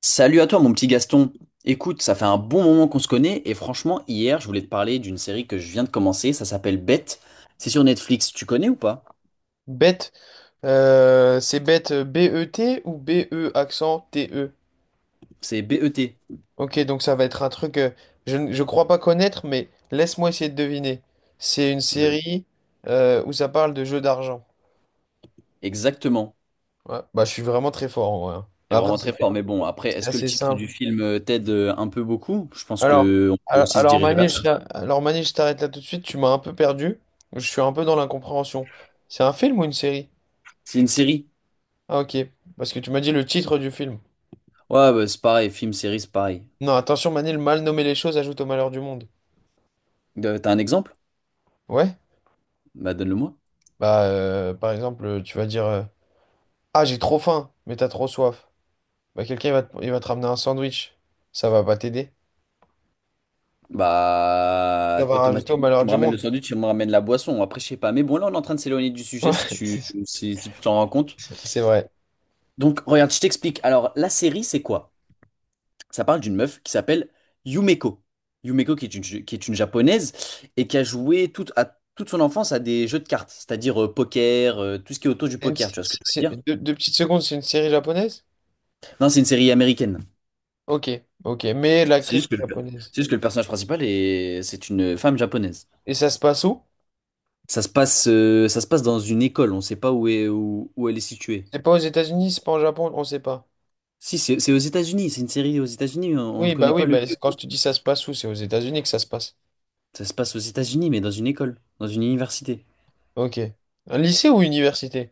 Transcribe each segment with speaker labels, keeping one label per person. Speaker 1: Salut à toi mon petit Gaston. Écoute, ça fait un bon moment qu'on se connaît et franchement, hier, je voulais te parler d'une série que je viens de commencer, ça s'appelle Bête. C'est sur Netflix, tu connais ou pas?
Speaker 2: Bête, c'est bête Bet ou bête.
Speaker 1: C'est B-E-T.
Speaker 2: Ok, donc ça va être un truc je crois pas connaître, mais laisse-moi essayer de deviner. C'est une
Speaker 1: Ouais.
Speaker 2: série où ça parle de jeux d'argent.
Speaker 1: Exactement.
Speaker 2: Ouais, bah je suis vraiment très fort en vrai, hein. Mais
Speaker 1: C'est
Speaker 2: après,
Speaker 1: vraiment très fort,
Speaker 2: c'était
Speaker 1: mais bon, après, est-ce que le
Speaker 2: assez
Speaker 1: titre
Speaker 2: simple.
Speaker 1: du film t'aide un peu beaucoup? Je pense
Speaker 2: Alors,
Speaker 1: que on peut aussi se
Speaker 2: alors
Speaker 1: diriger vers
Speaker 2: Manil,
Speaker 1: ça.
Speaker 2: je t'arrête là tout de suite, tu m'as un peu perdu. Je suis un peu dans l'incompréhension. C'est un film ou une série?
Speaker 1: C'est une série.
Speaker 2: Ah ok, parce que tu m'as dit le titre du film.
Speaker 1: Ouais, bah, c'est pareil, film, série, c'est pareil.
Speaker 2: Non, attention Manil, mal nommer les choses ajoute au malheur du monde.
Speaker 1: T'as un exemple?
Speaker 2: Ouais?
Speaker 1: Bah donne-le-moi.
Speaker 2: Bah, par exemple, tu vas dire ah, j'ai trop faim, mais t'as trop soif. Bah, quelqu'un il va te ramener un sandwich. Ça va pas t'aider. Ça
Speaker 1: Bah,
Speaker 2: va rajouter au
Speaker 1: automatiquement, tu
Speaker 2: malheur
Speaker 1: me
Speaker 2: du
Speaker 1: ramènes le
Speaker 2: monde.
Speaker 1: sandwich, tu me ramènes la boisson. Après, je sais pas. Mais bon, là, on est en train de s'éloigner du
Speaker 2: Ouais,
Speaker 1: sujet si tu
Speaker 2: c'est
Speaker 1: si, si tu t'en rends compte.
Speaker 2: c'est vrai.
Speaker 1: Donc, regarde, je t'explique. Alors, la série, c'est quoi? Ça parle d'une meuf qui s'appelle Yumeko. Yumeko, qui est une japonaise et qui a joué toute son enfance à des jeux de cartes, c'est-à-dire poker, tout ce qui est autour du poker. Tu vois ce que je veux dire?
Speaker 2: Deux petites secondes, c'est une série japonaise?
Speaker 1: Non, c'est une série américaine.
Speaker 2: Ok, ok. Mais
Speaker 1: C'est
Speaker 2: l'actrice
Speaker 1: juste que
Speaker 2: est
Speaker 1: le,
Speaker 2: japonaise.
Speaker 1: c'est juste que le personnage principal c'est une femme japonaise.
Speaker 2: Et ça se passe où?
Speaker 1: Ça se passe dans une école, on ne sait pas où elle est située.
Speaker 2: C'est pas aux États-Unis, c'est pas en Japon, on sait pas.
Speaker 1: Si, c'est aux États-Unis, c'est une série aux États-Unis, on ne connaît
Speaker 2: Oui,
Speaker 1: pas le
Speaker 2: bah,
Speaker 1: lieu.
Speaker 2: quand je te dis ça se passe où, c'est aux États-Unis que ça se passe.
Speaker 1: Ça se passe aux États-Unis, mais dans une école, dans une université.
Speaker 2: Ok. Un lycée ou université?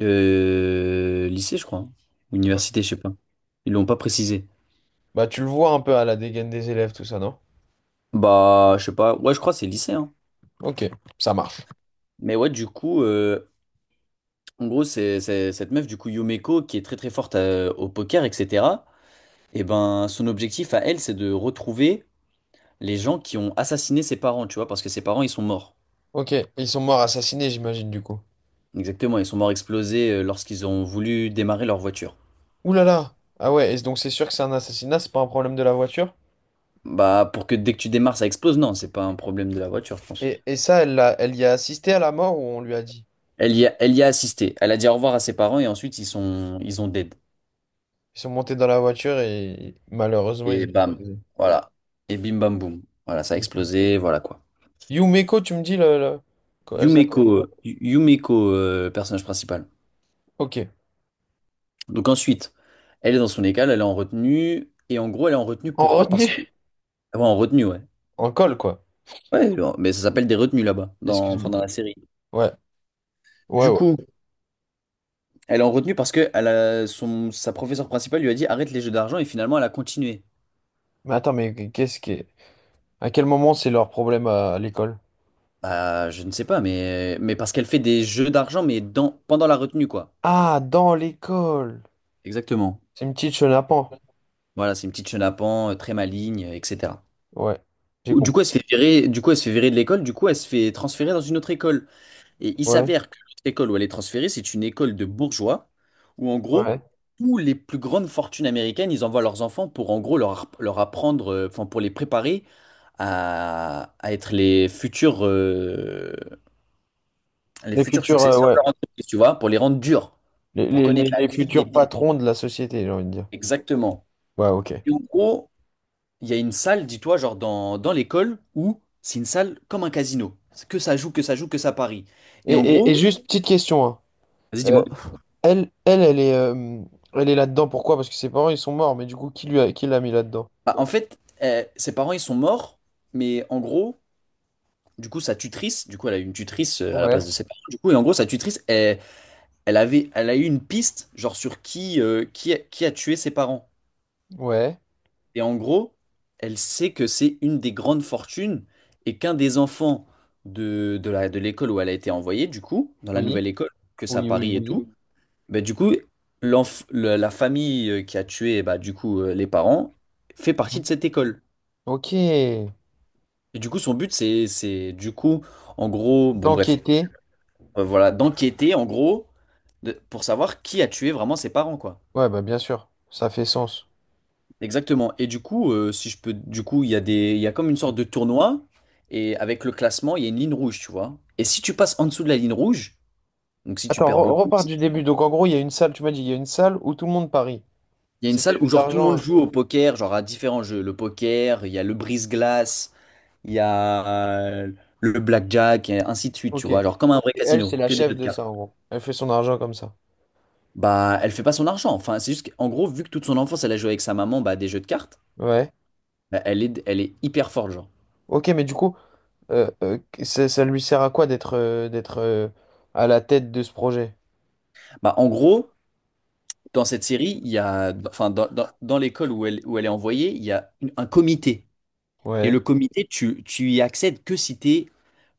Speaker 1: Lycée, je crois, hein.
Speaker 2: Ok.
Speaker 1: Université, je sais pas. Ils l'ont pas précisé.
Speaker 2: Bah, tu le vois un peu à la dégaine des élèves, tout ça, non?
Speaker 1: Bah, je sais pas. Ouais, je crois que c'est lycée, hein.
Speaker 2: Ok, ça marche.
Speaker 1: Mais ouais, du coup, en gros, c'est cette meuf, du coup, Yumeko, qui est très très forte au poker, etc. Et ben, son objectif à elle, c'est de retrouver les gens qui ont assassiné ses parents, tu vois, parce que ses parents, ils sont morts.
Speaker 2: Ok, ils sont morts assassinés, j'imagine, du coup.
Speaker 1: Exactement, ils sont morts explosés lorsqu'ils ont voulu démarrer leur voiture.
Speaker 2: Ouh là là! Ah ouais, et donc c'est sûr que c'est un assassinat, c'est pas un problème de la voiture.
Speaker 1: Bah, pour que dès que tu démarres, ça explose, non, c'est pas un problème de la voiture, je pense.
Speaker 2: Et ça, elle y a assisté à la mort ou on lui a dit?
Speaker 1: Elle y a assisté. Elle a dit au revoir à ses parents et ensuite ils ont dead.
Speaker 2: Ils sont montés dans la voiture et malheureusement, ils
Speaker 1: Et
Speaker 2: ont
Speaker 1: bam,
Speaker 2: explosé.
Speaker 1: voilà. Et bim bam boum. Voilà, ça a explosé, voilà quoi.
Speaker 2: Yumeko, tu me dis quoi, elle
Speaker 1: Yumeko,
Speaker 2: s'appelle.
Speaker 1: euh, Yu- Yumeko, euh, personnage principal.
Speaker 2: Ok.
Speaker 1: Donc ensuite, elle est dans son école, elle est en retenue. Et en gros, elle est en retenue,
Speaker 2: En
Speaker 1: pourquoi? Parce que.
Speaker 2: retenue?
Speaker 1: Ah, ouais, en retenue, ouais.
Speaker 2: En colle, quoi.
Speaker 1: Ouais, bon, mais ça s'appelle des retenues là-bas,
Speaker 2: Excuse-moi.
Speaker 1: enfin dans la série.
Speaker 2: Ouais. Ouais,
Speaker 1: Du
Speaker 2: ouais.
Speaker 1: coup. Elle est en retenue parce que sa professeure principale lui a dit arrête les jeux d'argent et finalement elle a continué.
Speaker 2: Mais attends, à quel moment c'est leur problème à l'école?
Speaker 1: Bah, je ne sais pas, mais parce qu'elle fait des jeux d'argent, mais pendant la retenue, quoi.
Speaker 2: Ah, dans l'école!
Speaker 1: Exactement.
Speaker 2: C'est une petite chenapan.
Speaker 1: Voilà, c'est une petite chenapan, très maligne, etc.
Speaker 2: Ouais, j'ai
Speaker 1: Ou- Du
Speaker 2: compris.
Speaker 1: coup, elle se fait virer, du coup, elle se fait virer de l'école, du coup, elle se fait transférer dans une autre école. Et il
Speaker 2: Ouais,
Speaker 1: s'avère que cette école où elle est transférée, c'est une école de bourgeois où, en gros,
Speaker 2: ouais.
Speaker 1: tous les plus grandes fortunes américaines, ils envoient leurs enfants pour, en gros, leur apprendre, enfin, pour les préparer à être les futurs, euh, les
Speaker 2: Les
Speaker 1: futurs
Speaker 2: cultures,
Speaker 1: successeurs de
Speaker 2: ouais.
Speaker 1: leur entreprise, tu vois, pour les rendre durs,
Speaker 2: Les,
Speaker 1: pour
Speaker 2: les- les-
Speaker 1: connaître
Speaker 2: les
Speaker 1: la vie, les
Speaker 2: futurs
Speaker 1: petits.
Speaker 2: patrons de la société, j'ai envie de dire.
Speaker 1: Exactement.
Speaker 2: Ouais, ok. Et,
Speaker 1: Et en gros, il y a une salle, dis-toi, genre dans l'école, où c'est une salle comme un casino. Que ça joue, que ça parie. Et en
Speaker 2: et- et
Speaker 1: gros,
Speaker 2: juste petite question, hein.
Speaker 1: vas-y,
Speaker 2: Euh,
Speaker 1: dis-moi.
Speaker 2: elle, elle, elle est, euh, elle est là-dedans. Pourquoi? Parce que ses parents, ils sont morts. Mais du coup, qui l'a mis là-dedans?
Speaker 1: Bah, en fait, ses parents, ils sont morts, mais en gros, du coup, sa tutrice, du coup, elle a eu une tutrice à la place
Speaker 2: Ouais.
Speaker 1: de ses parents, du coup, et en gros, sa tutrice, elle a eu une piste, genre, sur qui a tué ses parents.
Speaker 2: Ouais.
Speaker 1: Et en gros, elle sait que c'est une des grandes fortunes et qu'un des enfants de l'école où elle a été envoyée, du coup, dans la
Speaker 2: Oui.
Speaker 1: nouvelle école, que ça à
Speaker 2: Oui, oui,
Speaker 1: Paris et tout,
Speaker 2: oui.
Speaker 1: bah, du coup, la famille qui a tué, bah, du coup, les parents, fait partie de
Speaker 2: Mhm.
Speaker 1: cette école.
Speaker 2: Ok.
Speaker 1: Et du coup, son but, c'est, du coup, en gros, bon, bref,
Speaker 2: T'enquêter.
Speaker 1: voilà, d'enquêter, en gros, pour savoir qui a tué vraiment ses parents, quoi.
Speaker 2: Ouais, bah bien sûr. Ça fait sens.
Speaker 1: Exactement. Et du coup, si je peux, du coup, il y a des, il y a comme une sorte de tournoi, et avec le classement, il y a une ligne rouge, tu vois. Et si tu passes en dessous de la ligne rouge, donc si tu
Speaker 2: Attends,
Speaker 1: perds beaucoup,
Speaker 2: repars du début. Donc en gros, il y a une salle. Tu m'as dit, il y a une salle où tout le monde parie.
Speaker 1: il y a une
Speaker 2: C'est des
Speaker 1: salle où
Speaker 2: jeux
Speaker 1: genre tout le monde
Speaker 2: d'argent.
Speaker 1: joue au poker, genre à différents jeux. Le poker, il y a le brise-glace, il y a euh, le blackjack, et ainsi de suite, tu
Speaker 2: Ok.
Speaker 1: vois.
Speaker 2: Et
Speaker 1: Genre comme un vrai
Speaker 2: elle,
Speaker 1: casino,
Speaker 2: c'est la
Speaker 1: que des
Speaker 2: chef
Speaker 1: jeux de
Speaker 2: de
Speaker 1: cartes.
Speaker 2: ça, en gros. Elle fait son argent comme ça.
Speaker 1: Bah, elle fait pas son argent. Enfin, c'est juste qu'en gros, vu que toute son enfance, elle a joué avec sa maman bah, à des jeux de cartes,
Speaker 2: Ouais.
Speaker 1: bah, elle est hyper forte, genre.
Speaker 2: Ok, mais du coup. euh, euh, ça lui sert à quoi d'être à la tête de ce projet?
Speaker 1: Bah, en gros, dans cette série, enfin, dans l'école où elle est envoyée, il y a un comité. Et
Speaker 2: Ouais.
Speaker 1: le comité, tu y accèdes que si t'es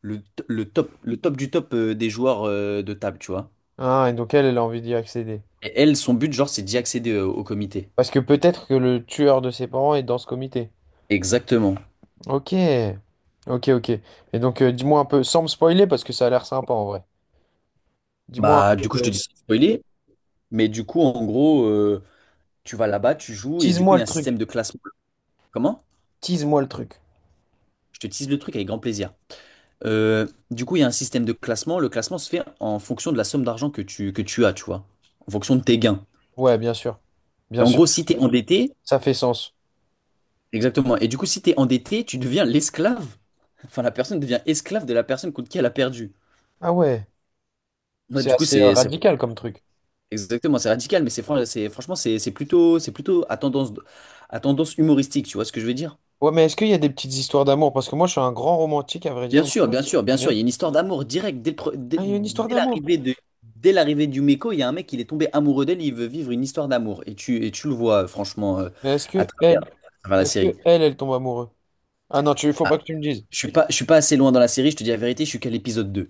Speaker 1: le top, du top des joueurs de table, tu vois.
Speaker 2: Ah, et donc elle, a envie d'y accéder.
Speaker 1: Et elle, son but, genre, c'est d'y accéder au comité.
Speaker 2: Parce que peut-être que le tueur de ses parents est dans ce comité.
Speaker 1: Exactement.
Speaker 2: Ok. Ok, ok. Et donc, dis-moi un peu, sans me spoiler, parce que ça a l'air sympa en vrai. Dis-moi
Speaker 1: Bah,
Speaker 2: un
Speaker 1: du coup,
Speaker 2: peu,
Speaker 1: je te dis sans spoiler, mais du coup, en gros, tu vas là-bas, tu joues, et du coup,
Speaker 2: tease-moi
Speaker 1: il y
Speaker 2: le
Speaker 1: a un système
Speaker 2: truc.
Speaker 1: de classement. Comment?
Speaker 2: Tease-moi le truc.
Speaker 1: Je te tease le truc avec grand plaisir. Du coup, il y a un système de classement. Le classement se fait en fonction de la somme d'argent que tu as, tu vois. En fonction de tes gains.
Speaker 2: Ouais, bien sûr.
Speaker 1: Et
Speaker 2: Bien
Speaker 1: en
Speaker 2: sûr.
Speaker 1: gros, si tu es endetté,
Speaker 2: Ça fait sens.
Speaker 1: exactement. Et du coup, si tu es endetté, tu deviens l'esclave. Enfin, la personne devient esclave de la personne contre qui elle a perdu.
Speaker 2: Ah ouais,
Speaker 1: Ouais,
Speaker 2: c'est
Speaker 1: du coup,
Speaker 2: assez radical comme truc.
Speaker 1: exactement, c'est radical, mais franchement, c'est plutôt à tendance humoristique, tu vois ce que je veux dire?
Speaker 2: Ouais, mais est-ce qu'il y a des petites histoires d'amour? Parce que moi, je suis un grand romantique, à vrai
Speaker 1: Bien
Speaker 2: dire.
Speaker 1: sûr,
Speaker 2: Manuel,
Speaker 1: bien
Speaker 2: tu
Speaker 1: sûr,
Speaker 2: me
Speaker 1: bien sûr, il
Speaker 2: connais.
Speaker 1: y a une histoire d'amour directe. Dès le pre- dès-
Speaker 2: Ah, il y a une histoire
Speaker 1: dès
Speaker 2: d'amour.
Speaker 1: l'arrivée de, dès l'arrivée du Meco, il y a un mec, il est tombé amoureux d'elle, il veut vivre une histoire d'amour. Et tu le vois, franchement,
Speaker 2: Mais
Speaker 1: à travers, à travers la série.
Speaker 2: elle tombe amoureuse? Ah non, faut
Speaker 1: Ah,
Speaker 2: pas que tu me dises.
Speaker 1: je suis pas assez loin dans la série, je te dis la vérité, je suis qu'à l'épisode 2.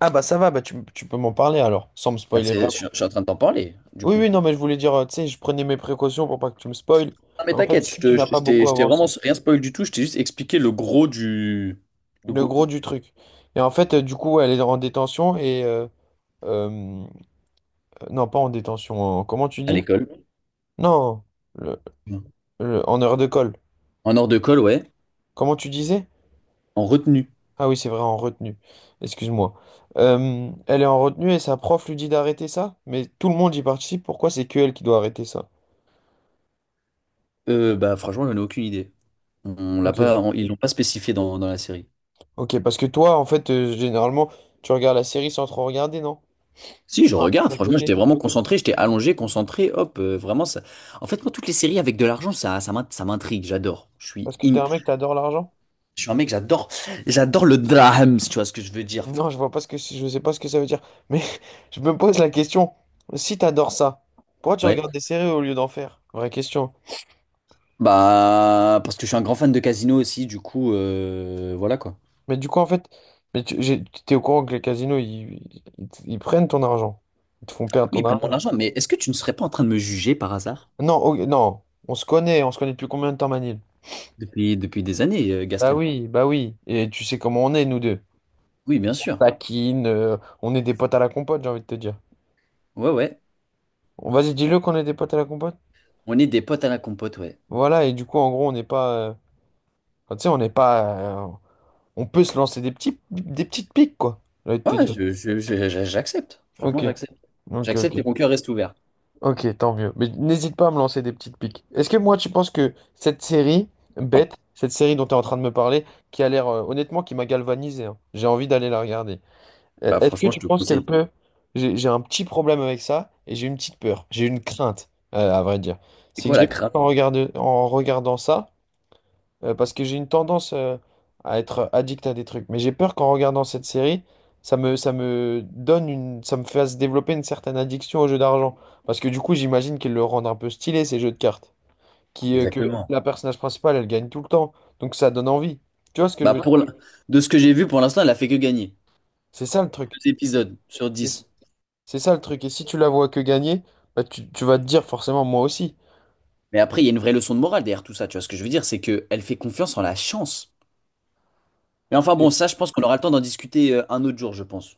Speaker 2: Ah bah ça va, bah tu peux m'en parler alors, sans me
Speaker 1: Là,
Speaker 2: spoiler vraiment.
Speaker 1: je suis en train de t'en parler, du
Speaker 2: Oui,
Speaker 1: coup.
Speaker 2: oui, non, mais je voulais dire, tu sais, je prenais mes précautions pour pas que tu me spoiles.
Speaker 1: Non, mais
Speaker 2: Mais en fait,
Speaker 1: t'inquiète, je
Speaker 2: si tu
Speaker 1: te-
Speaker 2: n'as
Speaker 1: je t'ai
Speaker 2: pas
Speaker 1: je t'ai-
Speaker 2: beaucoup
Speaker 1: je t'ai vraiment
Speaker 2: avancé,
Speaker 1: rien spoil du tout, je t'ai juste expliqué le gros du... Le
Speaker 2: le
Speaker 1: gros...
Speaker 2: gros du truc. Et en fait, du coup, elle est en détention et... euh, non, pas en détention, comment tu
Speaker 1: À
Speaker 2: dis?
Speaker 1: l'école.
Speaker 2: Non, le- en heure de colle.
Speaker 1: En hors de colle, ouais.
Speaker 2: Comment tu disais?
Speaker 1: En retenue.
Speaker 2: Ah oui, c'est vrai, en retenue. Excuse-moi. Elle est en retenue et sa prof lui dit d'arrêter ça? Mais tout le monde y participe, pourquoi c'est que elle qui doit arrêter ça?
Speaker 1: Bah, franchement, j'en ai aucune idée. On l'a
Speaker 2: Ok.
Speaker 1: pas, on- Ils l'ont pas spécifié dans la série.
Speaker 2: Ok, parce que toi, en fait, généralement, tu regardes la série sans trop regarder, non?
Speaker 1: Si,
Speaker 2: Tu
Speaker 1: je
Speaker 2: fais un truc
Speaker 1: regarde,
Speaker 2: à
Speaker 1: franchement, j'étais
Speaker 2: côté.
Speaker 1: vraiment concentré, j'étais allongé, concentré, hop, vraiment, ça... En fait, moi, toutes les séries avec de l'argent, ça m'intrigue, j'adore. Je suis,
Speaker 2: Parce que t'es
Speaker 1: im-
Speaker 2: un mec, t'adores l'argent?
Speaker 1: je suis un mec, j'adore le drame, si tu vois ce que je veux dire.
Speaker 2: Non, je vois pas ce que je sais pas ce que ça veut dire. Mais je me pose la question, si t'adores ça, pourquoi tu
Speaker 1: Ouais.
Speaker 2: regardes des séries au lieu d'en faire? Vraie question.
Speaker 1: Bah, parce que je suis un grand fan de casino aussi, du coup, voilà quoi.
Speaker 2: Mais du coup, en fait, mais t'es au courant que les casinos, ils prennent ton argent. Ils te font perdre
Speaker 1: Oui,
Speaker 2: ton
Speaker 1: ils prennent mon
Speaker 2: argent.
Speaker 1: argent, mais est-ce que tu ne serais pas en train de me juger par hasard?
Speaker 2: Non, oh, non, on se connaît depuis combien de temps, Manil?
Speaker 1: Depuis des années,
Speaker 2: Bah
Speaker 1: Gaston.
Speaker 2: oui, bah oui. Et tu sais comment on est, nous deux.
Speaker 1: Oui, bien sûr.
Speaker 2: Taquine, on est des potes à la compote, j'ai envie de te dire.
Speaker 1: Ouais, ouais.
Speaker 2: Bon, vas-y, dis-le qu'on est des potes à la compote.
Speaker 1: On est des potes à la compote, ouais.
Speaker 2: Voilà, et du coup, en gros, on n'est pas. Enfin, tu sais, on n'est pas. On peut se lancer des petites piques, quoi. J'ai envie de te
Speaker 1: Ouais,
Speaker 2: dire.
Speaker 1: j'accepte.
Speaker 2: Ok,
Speaker 1: Franchement, j'accepte.
Speaker 2: ok, ok.
Speaker 1: J'accepte et mon cœur reste ouvert.
Speaker 2: Ok, tant mieux. Mais n'hésite pas à me lancer des petites piques. Est-ce que moi, tu penses que cette série, bête, cette série dont tu es en train de me parler, qui a l'air, honnêtement, qui m'a galvanisé, hein, j'ai envie d'aller la regarder.
Speaker 1: Bah
Speaker 2: Est-ce que
Speaker 1: franchement, je
Speaker 2: tu
Speaker 1: te
Speaker 2: penses qu'elle
Speaker 1: conseille.
Speaker 2: peut... J'ai un petit problème avec ça et j'ai une petite peur, j'ai une crainte, à vrai dire.
Speaker 1: C'est
Speaker 2: C'est que
Speaker 1: quoi
Speaker 2: j'ai
Speaker 1: la crap?
Speaker 2: peur en regardant ça, parce que j'ai une tendance à être addict à des trucs. Mais j'ai peur qu'en regardant cette série, ça me fasse développer une certaine addiction aux jeux d'argent. Parce que du coup, j'imagine qu'ils le rendent un peu stylé, ces jeux de cartes. Qui, que
Speaker 1: Exactement.
Speaker 2: la personnage principale, elle gagne tout le temps. Donc ça donne envie. Tu vois ce que je
Speaker 1: Bah,
Speaker 2: veux
Speaker 1: ouais,
Speaker 2: dire?
Speaker 1: de ce que j'ai vu pour l'instant, elle a fait que gagner.
Speaker 2: C'est ça le truc.
Speaker 1: Deux épisodes sur
Speaker 2: C'est-
Speaker 1: dix.
Speaker 2: C'est ça le truc. Et si tu la vois que gagner, bah, tu vas te dire forcément moi aussi.
Speaker 1: Mais après, il y a une vraie leçon de morale derrière tout ça. Tu vois ce que je veux dire, c'est que elle fait confiance en la chance. Mais enfin
Speaker 2: Et-
Speaker 1: bon, ça, je pense qu'on aura le temps d'en discuter un autre jour, je pense.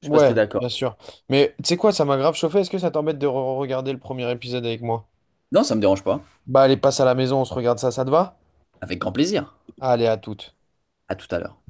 Speaker 1: Je sais pas si
Speaker 2: Ouais,
Speaker 1: t'es
Speaker 2: bien
Speaker 1: d'accord.
Speaker 2: sûr. Mais tu sais quoi, ça m'a grave chauffé. Est-ce que ça t'embête de re regarder le premier épisode avec moi?
Speaker 1: Non, ça me dérange pas.
Speaker 2: Bah allez, passe à la maison, on se regarde ça, ça te va?
Speaker 1: Avec grand plaisir.
Speaker 2: Allez, à toute.
Speaker 1: À tout à l'heure.